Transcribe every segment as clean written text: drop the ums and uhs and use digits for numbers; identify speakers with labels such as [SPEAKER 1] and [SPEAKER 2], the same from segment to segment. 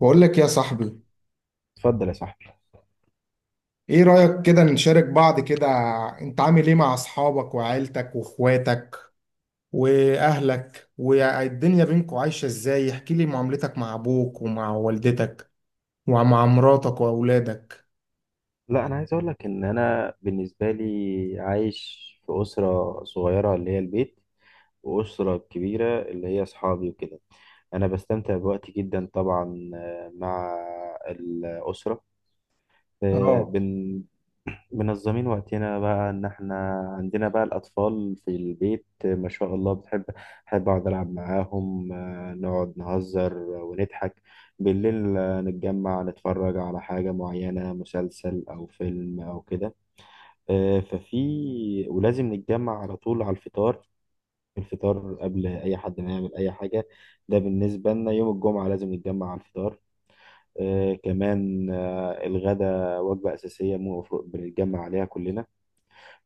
[SPEAKER 1] بقول لك يا صاحبي،
[SPEAKER 2] اتفضل يا صاحبي.
[SPEAKER 1] ايه رأيك كده نشارك بعض كده؟ انت عامل ايه مع اصحابك وعيلتك واخواتك واهلك والدنيا بينكم عايشة ازاي؟ احكي لي معاملتك مع ابوك ومع والدتك ومع مراتك واولادك.
[SPEAKER 2] لا، انا عايز اقول لك ان انا بالنسبه لي عايش في اسره صغيره اللي هي البيت، واسره كبيره اللي هي اصحابي وكده. انا بستمتع بوقتي جدا طبعا، مع الاسره. آه،
[SPEAKER 1] اه.
[SPEAKER 2] بن منظمين وقتنا بقى ان احنا عندنا بقى الاطفال في البيت، ما شاء الله، بحب اقعد العب معاهم، نقعد نهزر ونضحك بالليل، نتجمع نتفرج على حاجة معينة، مسلسل او فيلم او كده. ففي ولازم نتجمع على طول على الفطار، الفطار قبل اي حد ما يعمل اي حاجة. ده بالنسبة لنا يوم الجمعة لازم نتجمع على الفطار. كمان، الغدا وجبة أساسية المفروض بنتجمع عليها كلنا.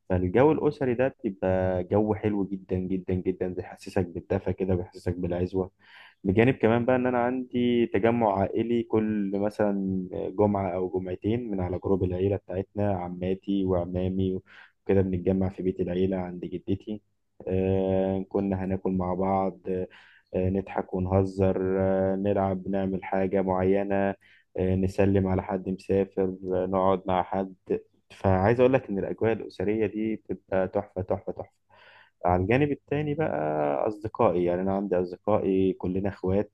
[SPEAKER 2] فالجو الأسري ده بيبقى جو حلو جدا جدا جدا، بيحسسك بالدفى كده، بيحسسك بالعزوة. بجانب كمان بقى إن أنا عندي تجمع عائلي كل مثلا جمعة أو جمعتين، من على جروب العيلة بتاعتنا، عماتي وعمامي وكده بنتجمع في بيت العيلة عند جدتي. كنا هناكل مع بعض، نضحك ونهزر، نلعب نعمل حاجة معينة، نسلم على حد مسافر، نقعد مع حد. فعايز اقول لك ان الاجواء الاسريه دي بتبقى تحفه تحفه تحفه. على الجانب التاني بقى، اصدقائي، يعني انا عندي اصدقائي كلنا اخوات،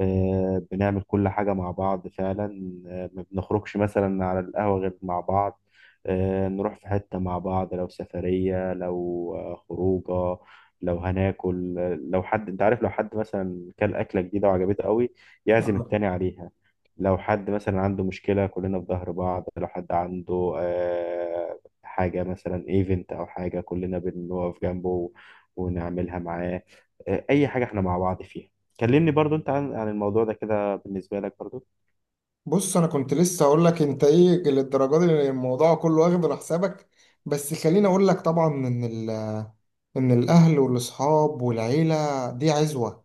[SPEAKER 2] بنعمل كل حاجة مع بعض فعلا، ما بنخرجش مثلا على القهوة غير مع بعض، نروح في حتة مع بعض، لو سفرية، لو خروجة، لو هناكل، لو حد انت عارف لو حد مثلا كل أكلة جديدة وعجبته قوي، يعزم
[SPEAKER 1] آه.
[SPEAKER 2] التاني عليها. لو حد مثلا عنده مشكلة كلنا في ظهر بعض، لو حد عنده حاجة مثلا ايفنت أو حاجة كلنا بنقف جنبه ونعملها معاه. أي حاجة احنا مع بعض فيها. كلمني برضو انت عن الموضوع ده كده بالنسبة لك برضو.
[SPEAKER 1] بص، انا كنت لسه اقول لك انت ايه للدرجه دي الموضوع كله واخد على حسابك. بس خليني اقول لك طبعا ان ان الاهل والاصحاب والعيلة دي عزوة.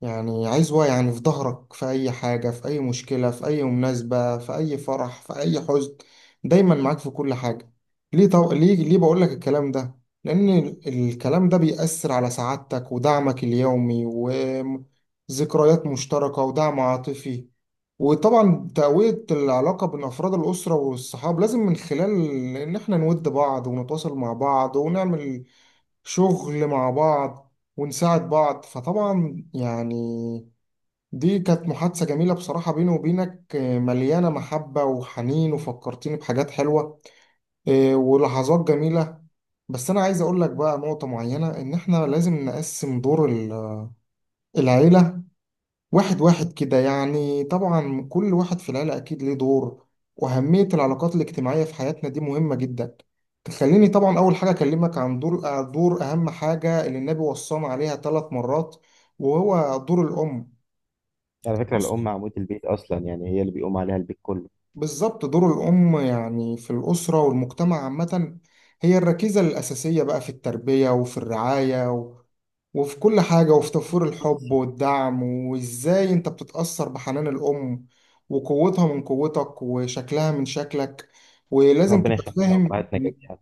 [SPEAKER 1] يعني عايز واقع، يعني في ظهرك، في أي حاجة، في أي مشكلة، في أي مناسبة، في أي فرح، في أي حزن، دايما معاك في كل حاجة. ليه بقول لك الكلام ده؟ لأن الكلام ده بيأثر على سعادتك ودعمك اليومي وذكريات مشتركة ودعم عاطفي. وطبعا تقوية العلاقة بين أفراد الأسرة والصحاب لازم من خلال إن إحنا نود بعض ونتواصل مع بعض ونعمل شغل مع بعض ونساعد بعض. فطبعا يعني دي كانت محادثة جميلة بصراحة بيني وبينك، مليانة محبة وحنين وفكرتيني بحاجات حلوة ولحظات جميلة. بس أنا عايز أقول لك بقى نقطة معينة، إن إحنا لازم نقسم دور العيلة واحد واحد كده. يعني طبعا كل واحد في العيلة أكيد ليه دور، وأهمية العلاقات الاجتماعية في حياتنا دي مهمة جدا. تخليني طبعا أول حاجة أكلمك عن دور أهم حاجة اللي النبي وصانا عليها ثلاث مرات، وهو دور الأم.
[SPEAKER 2] على فكرة الأم عمود البيت أصلا، يعني هي اللي بيقوم عليها البيت كله.
[SPEAKER 1] بالظبط. دور الأم يعني في الأسرة والمجتمع عامة، هي الركيزة الأساسية بقى في التربية وفي الرعاية وفي كل حاجة وفي توفير
[SPEAKER 2] بص،
[SPEAKER 1] الحب والدعم. وإزاي أنت بتتأثر بحنان الأم، وقوتها من قوتك، وشكلها من شكلك. ولازم
[SPEAKER 2] ربنا
[SPEAKER 1] تبقى
[SPEAKER 2] يخلينا
[SPEAKER 1] فاهم
[SPEAKER 2] أمهاتنا
[SPEAKER 1] إن
[SPEAKER 2] جميعا.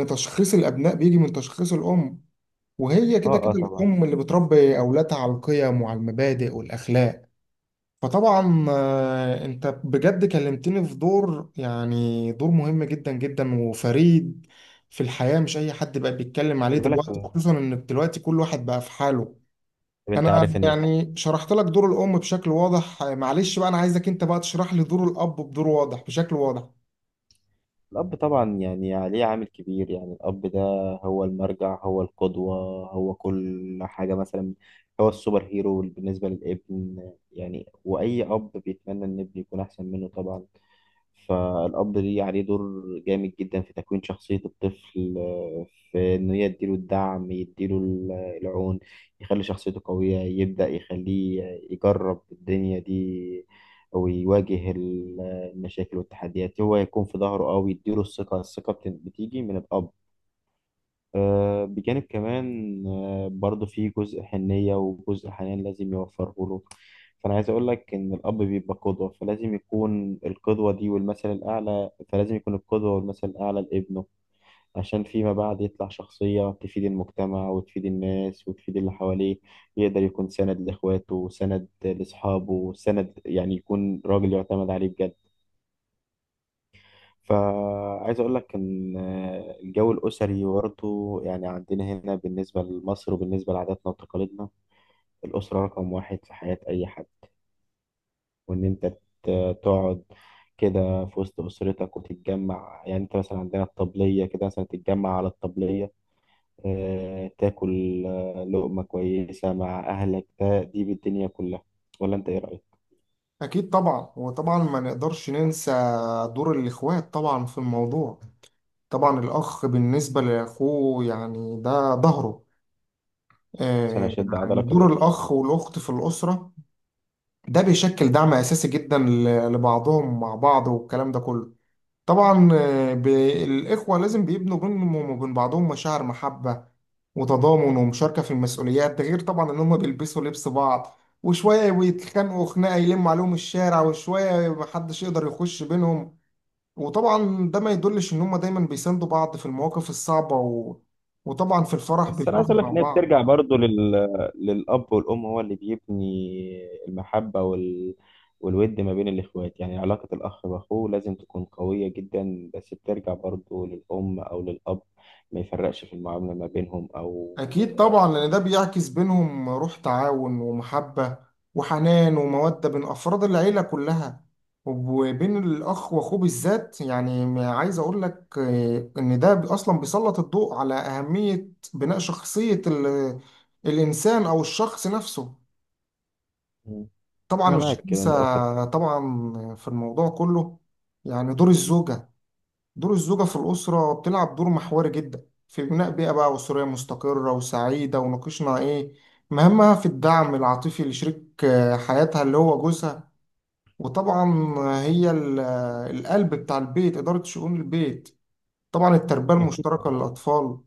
[SPEAKER 1] إن تشخيص الأبناء بيجي من تشخيص الأم. وهي كده
[SPEAKER 2] اه، اه،
[SPEAKER 1] كده
[SPEAKER 2] طبعا.
[SPEAKER 1] الأم اللي بتربي أولادها على القيم وعلى المبادئ والأخلاق. فطبعا انت بجد كلمتني في دور، يعني دور مهم جدا جدا وفريد في الحياة، مش اي حد بقى بيتكلم عليه
[SPEAKER 2] خلي بالك.
[SPEAKER 1] دلوقتي، خصوصا ان دلوقتي كل واحد بقى في حاله.
[SPEAKER 2] طب انت
[SPEAKER 1] انا
[SPEAKER 2] عارف ان
[SPEAKER 1] يعني شرحت لك دور الام بشكل واضح، معلش بقى، انا عايزك انت بقى تشرح لي دور الاب بدور واضح بشكل واضح.
[SPEAKER 2] الأب طبعا يعني عليه عامل كبير، يعني الأب ده هو المرجع، هو القدوة، هو كل حاجة. مثلا هو السوبر هيرو بالنسبة للابن، يعني وأي أب بيتمنى إن ابنه يكون أحسن منه طبعا. فالأب ليه عليه دور جامد جدا في تكوين شخصية الطفل، في إن هي يديله الدعم، يديله العون، يخلي شخصيته قوية، يبدأ يخليه يجرب الدنيا دي، ويواجه المشاكل والتحديات، هو يكون في ظهره أو يديله الثقة. الثقة بتيجي من الأب. بجانب كمان برضه في جزء حنية وجزء حنان لازم يوفره له. فأنا عايز أقول لك إن الأب بيبقى قدوة، فلازم يكون القدوة دي والمثل الأعلى، فلازم يكون القدوة والمثل الأعلى لابنه، عشان فيما بعد يطلع شخصية تفيد المجتمع وتفيد الناس وتفيد اللي حواليه، يقدر يكون سند لإخواته، سند لأصحابه، سند، يعني يكون راجل يعتمد عليه بجد. فعايز اقول لك ان الجو الاسري برضه، يعني عندنا هنا بالنسبه لمصر وبالنسبه لعاداتنا وتقاليدنا، الاسره رقم واحد في حياه اي حد. وان انت تقعد كده في وسط اسرتك وتتجمع، يعني انت مثلا عندنا الطبليه كده، مثلا تتجمع على الطبليه، تاكل لقمه كويسه مع اهلك، ده دي بالدنيا كلها. ولا انت ايه رايك؟
[SPEAKER 1] اكيد طبعا. وطبعا ما نقدرش ننسى دور الاخوات طبعا في الموضوع. طبعا الاخ بالنسبة لاخوه يعني ده ظهره.
[SPEAKER 2] عشان اشد
[SPEAKER 1] يعني
[SPEAKER 2] عضلك.
[SPEAKER 1] دور الأخ والأخت في الأسرة ده بيشكل دعم أساسي جدا لبعضهم مع بعض، والكلام ده كله. طبعا الإخوة لازم بيبنوا بينهم وبين بعضهم مشاعر محبة وتضامن ومشاركة في المسؤوليات. ده غير طبعا إن هم بيلبسوا لبس بعض، وشوية بيتخانقوا خناقة يلموا عليهم الشارع، وشوية محدش يقدر يخش بينهم. وطبعا ده ما يدلش إن هم دايما بيساندوا بعض في المواقف الصعبة وطبعا في الفرح
[SPEAKER 2] بس انا عايز
[SPEAKER 1] بيفرحوا
[SPEAKER 2] اقول لك
[SPEAKER 1] مع
[SPEAKER 2] ان هي
[SPEAKER 1] بعض.
[SPEAKER 2] بترجع برضو للاب والام. هو اللي بيبني المحبه والود ما بين الاخوات، يعني علاقه الاخ باخوه لازم تكون قويه جدا، بس بترجع برضو للام او للاب، ما يفرقش في المعامله ما بينهم او.
[SPEAKER 1] أكيد طبعا لأن ده بيعكس بينهم روح تعاون ومحبة وحنان ومودة بين أفراد العيلة كلها. وبين الأخ وأخوه بالذات، يعني ما عايز أقول لك إن ده أصلا بيسلط الضوء على أهمية بناء شخصية الإنسان أو الشخص نفسه.
[SPEAKER 2] مم.
[SPEAKER 1] طبعا
[SPEAKER 2] انا
[SPEAKER 1] مش
[SPEAKER 2] معاك كده
[SPEAKER 1] هنسى
[SPEAKER 2] إن الاسر.
[SPEAKER 1] طبعا في الموضوع كله يعني دور الزوجة. دور الزوجة في الأسرة بتلعب دور محوري جدا في بناء بيئة بقى أسرية مستقرة وسعيدة. وناقشنا إيه مهامها في الدعم العاطفي لشريك حياتها اللي هو جوزها. وطبعا هي القلب بتاع البيت، إدارة شؤون البيت، طبعا التربية
[SPEAKER 2] اكيد.
[SPEAKER 1] المشتركة للأطفال،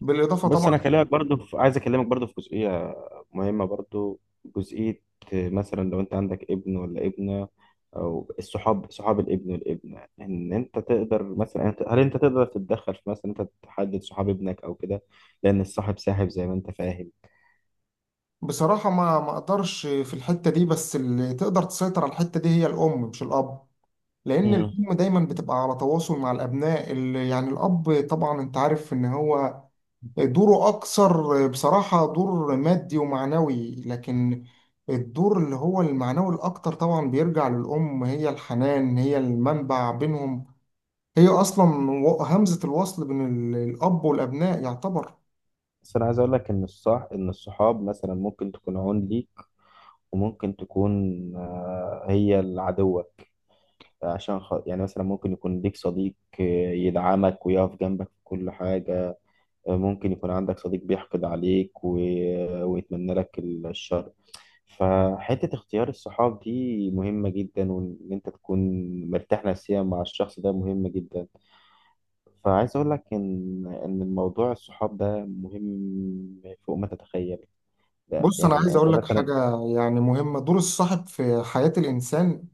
[SPEAKER 1] بالإضافة
[SPEAKER 2] بص
[SPEAKER 1] طبعا.
[SPEAKER 2] انا اكلمك برضو عايز اكلمك برضو في جزئيه مهمه، برضو جزئيه، مثلا لو انت عندك ابن ولا ابنه، او الصحاب، صحاب الابن والابنه، ان انت تقدر مثلا هل انت تقدر تتدخل في مثلا انت تحدد صحاب ابنك او كده، لان الصاحب ساحب زي ما انت فاهم.
[SPEAKER 1] بصراحة ما أقدرش في الحتة دي، بس اللي تقدر تسيطر على الحتة دي هي الأم مش الأب. لأن
[SPEAKER 2] مم.
[SPEAKER 1] الأم دايما بتبقى على تواصل مع الأبناء، اللي يعني الأب طبعا أنت عارف إن هو دوره أكثر بصراحة دور مادي ومعنوي. لكن الدور اللي هو المعنوي الأكتر طبعا بيرجع للأم. هي الحنان، هي المنبع بينهم، هي أصلا همزة الوصل بين الأب والأبناء يعتبر.
[SPEAKER 2] بس انا عايز اقول لك ان الصح، ان الصحاب مثلا ممكن تكون عون ليك، وممكن تكون هي العدوة. عشان يعني مثلا ممكن يكون ليك صديق آه، يدعمك ويقف جنبك في كل حاجة، ممكن يكون عندك صديق بيحقد عليك ويتمنى لك الشر. فحتة اختيار الصحاب دي مهمة جدا، وإن أنت تكون مرتاح نفسيا مع الشخص ده مهمة جدا. فعايز أقول لك إن الموضوع الصحاب ده مهم فوق ما تتخيل. ده
[SPEAKER 1] بص، أنا
[SPEAKER 2] يعني
[SPEAKER 1] عايز
[SPEAKER 2] أنت
[SPEAKER 1] أقول لك
[SPEAKER 2] مثلا.
[SPEAKER 1] حاجة يعني مهمة. دور الصاحب في حياة الإنسان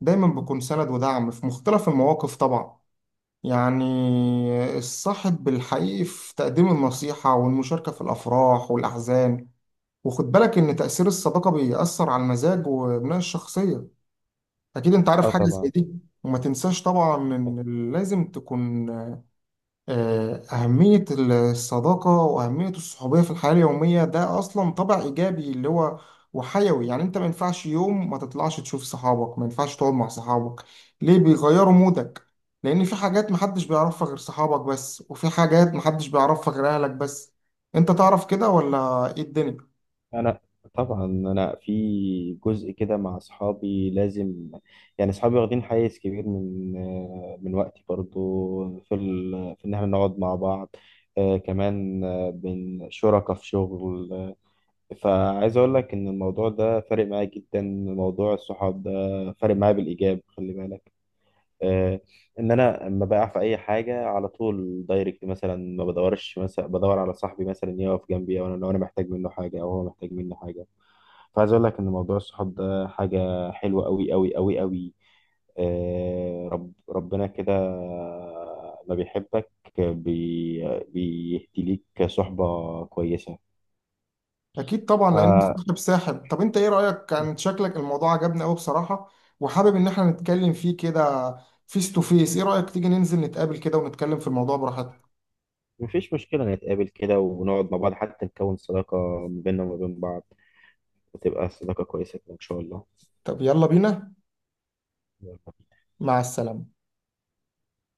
[SPEAKER 1] دايما بيكون سند ودعم في مختلف المواقف طبعا، يعني الصاحب الحقيقي في تقديم النصيحة والمشاركة في الأفراح والأحزان. وخد بالك ان تأثير الصداقة بيأثر على المزاج وبناء الشخصية، اكيد انت عارف
[SPEAKER 2] آه،
[SPEAKER 1] حاجة زي
[SPEAKER 2] طبعا.
[SPEAKER 1] دي. وما تنساش طبعا ان لازم تكون أهمية الصداقة وأهمية الصحوبية في الحياة اليومية ده أصلا طبع إيجابي اللي هو وحيوي. يعني أنت ما ينفعش يوم ما تطلعش تشوف صحابك، ما ينفعش تقعد مع صحابك، ليه بيغيروا مودك. لأن في حاجات محدش بيعرفها غير صحابك بس، وفي حاجات محدش بيعرفها غير أهلك بس. أنت تعرف كده ولا إيه الدنيا؟
[SPEAKER 2] انا طبعا انا في جزء كده مع اصحابي لازم، يعني اصحابي واخدين حيز كبير من وقتي، برضو في في ان احنا نقعد مع بعض، آه، كمان آه، بن شركاء في شغل، فعايز اقول لك ان الموضوع ده فارق معايا جدا، موضوع الصحاب ده فارق معايا بالايجاب، خلي بالك. آه، ان انا لما بقع في اي حاجه على طول دايركت، مثلا ما بدورش، مثلا بدور على صاحبي مثلا يقف جنبي، او لو انا محتاج منه حاجه او هو محتاج مني حاجه. فعايز اقول لك ان موضوع الصحاب ده حاجه حلوه قوي قوي قوي قوي. آه، ربنا كده ما بيحبك بي بيهدي ليك صحبه كويسه.
[SPEAKER 1] اكيد طبعا لان
[SPEAKER 2] فمفيش
[SPEAKER 1] السحب ساحب. طب انت ايه رايك؟ كان شكلك الموضوع عجبني قوي بصراحه، وحابب ان احنا نتكلم فيه كده فيس تو فيس. ايه رايك تيجي ننزل نتقابل كده ونتكلم في الموضوع براحتنا؟
[SPEAKER 2] مشكله نتقابل كده ونقعد مع بعض، حتى نكون صداقه ما بيننا وما بين بعض، وتبقى صداقه كويسه كده ان شاء
[SPEAKER 1] طب يلا بينا.
[SPEAKER 2] الله.
[SPEAKER 1] مع السلامه.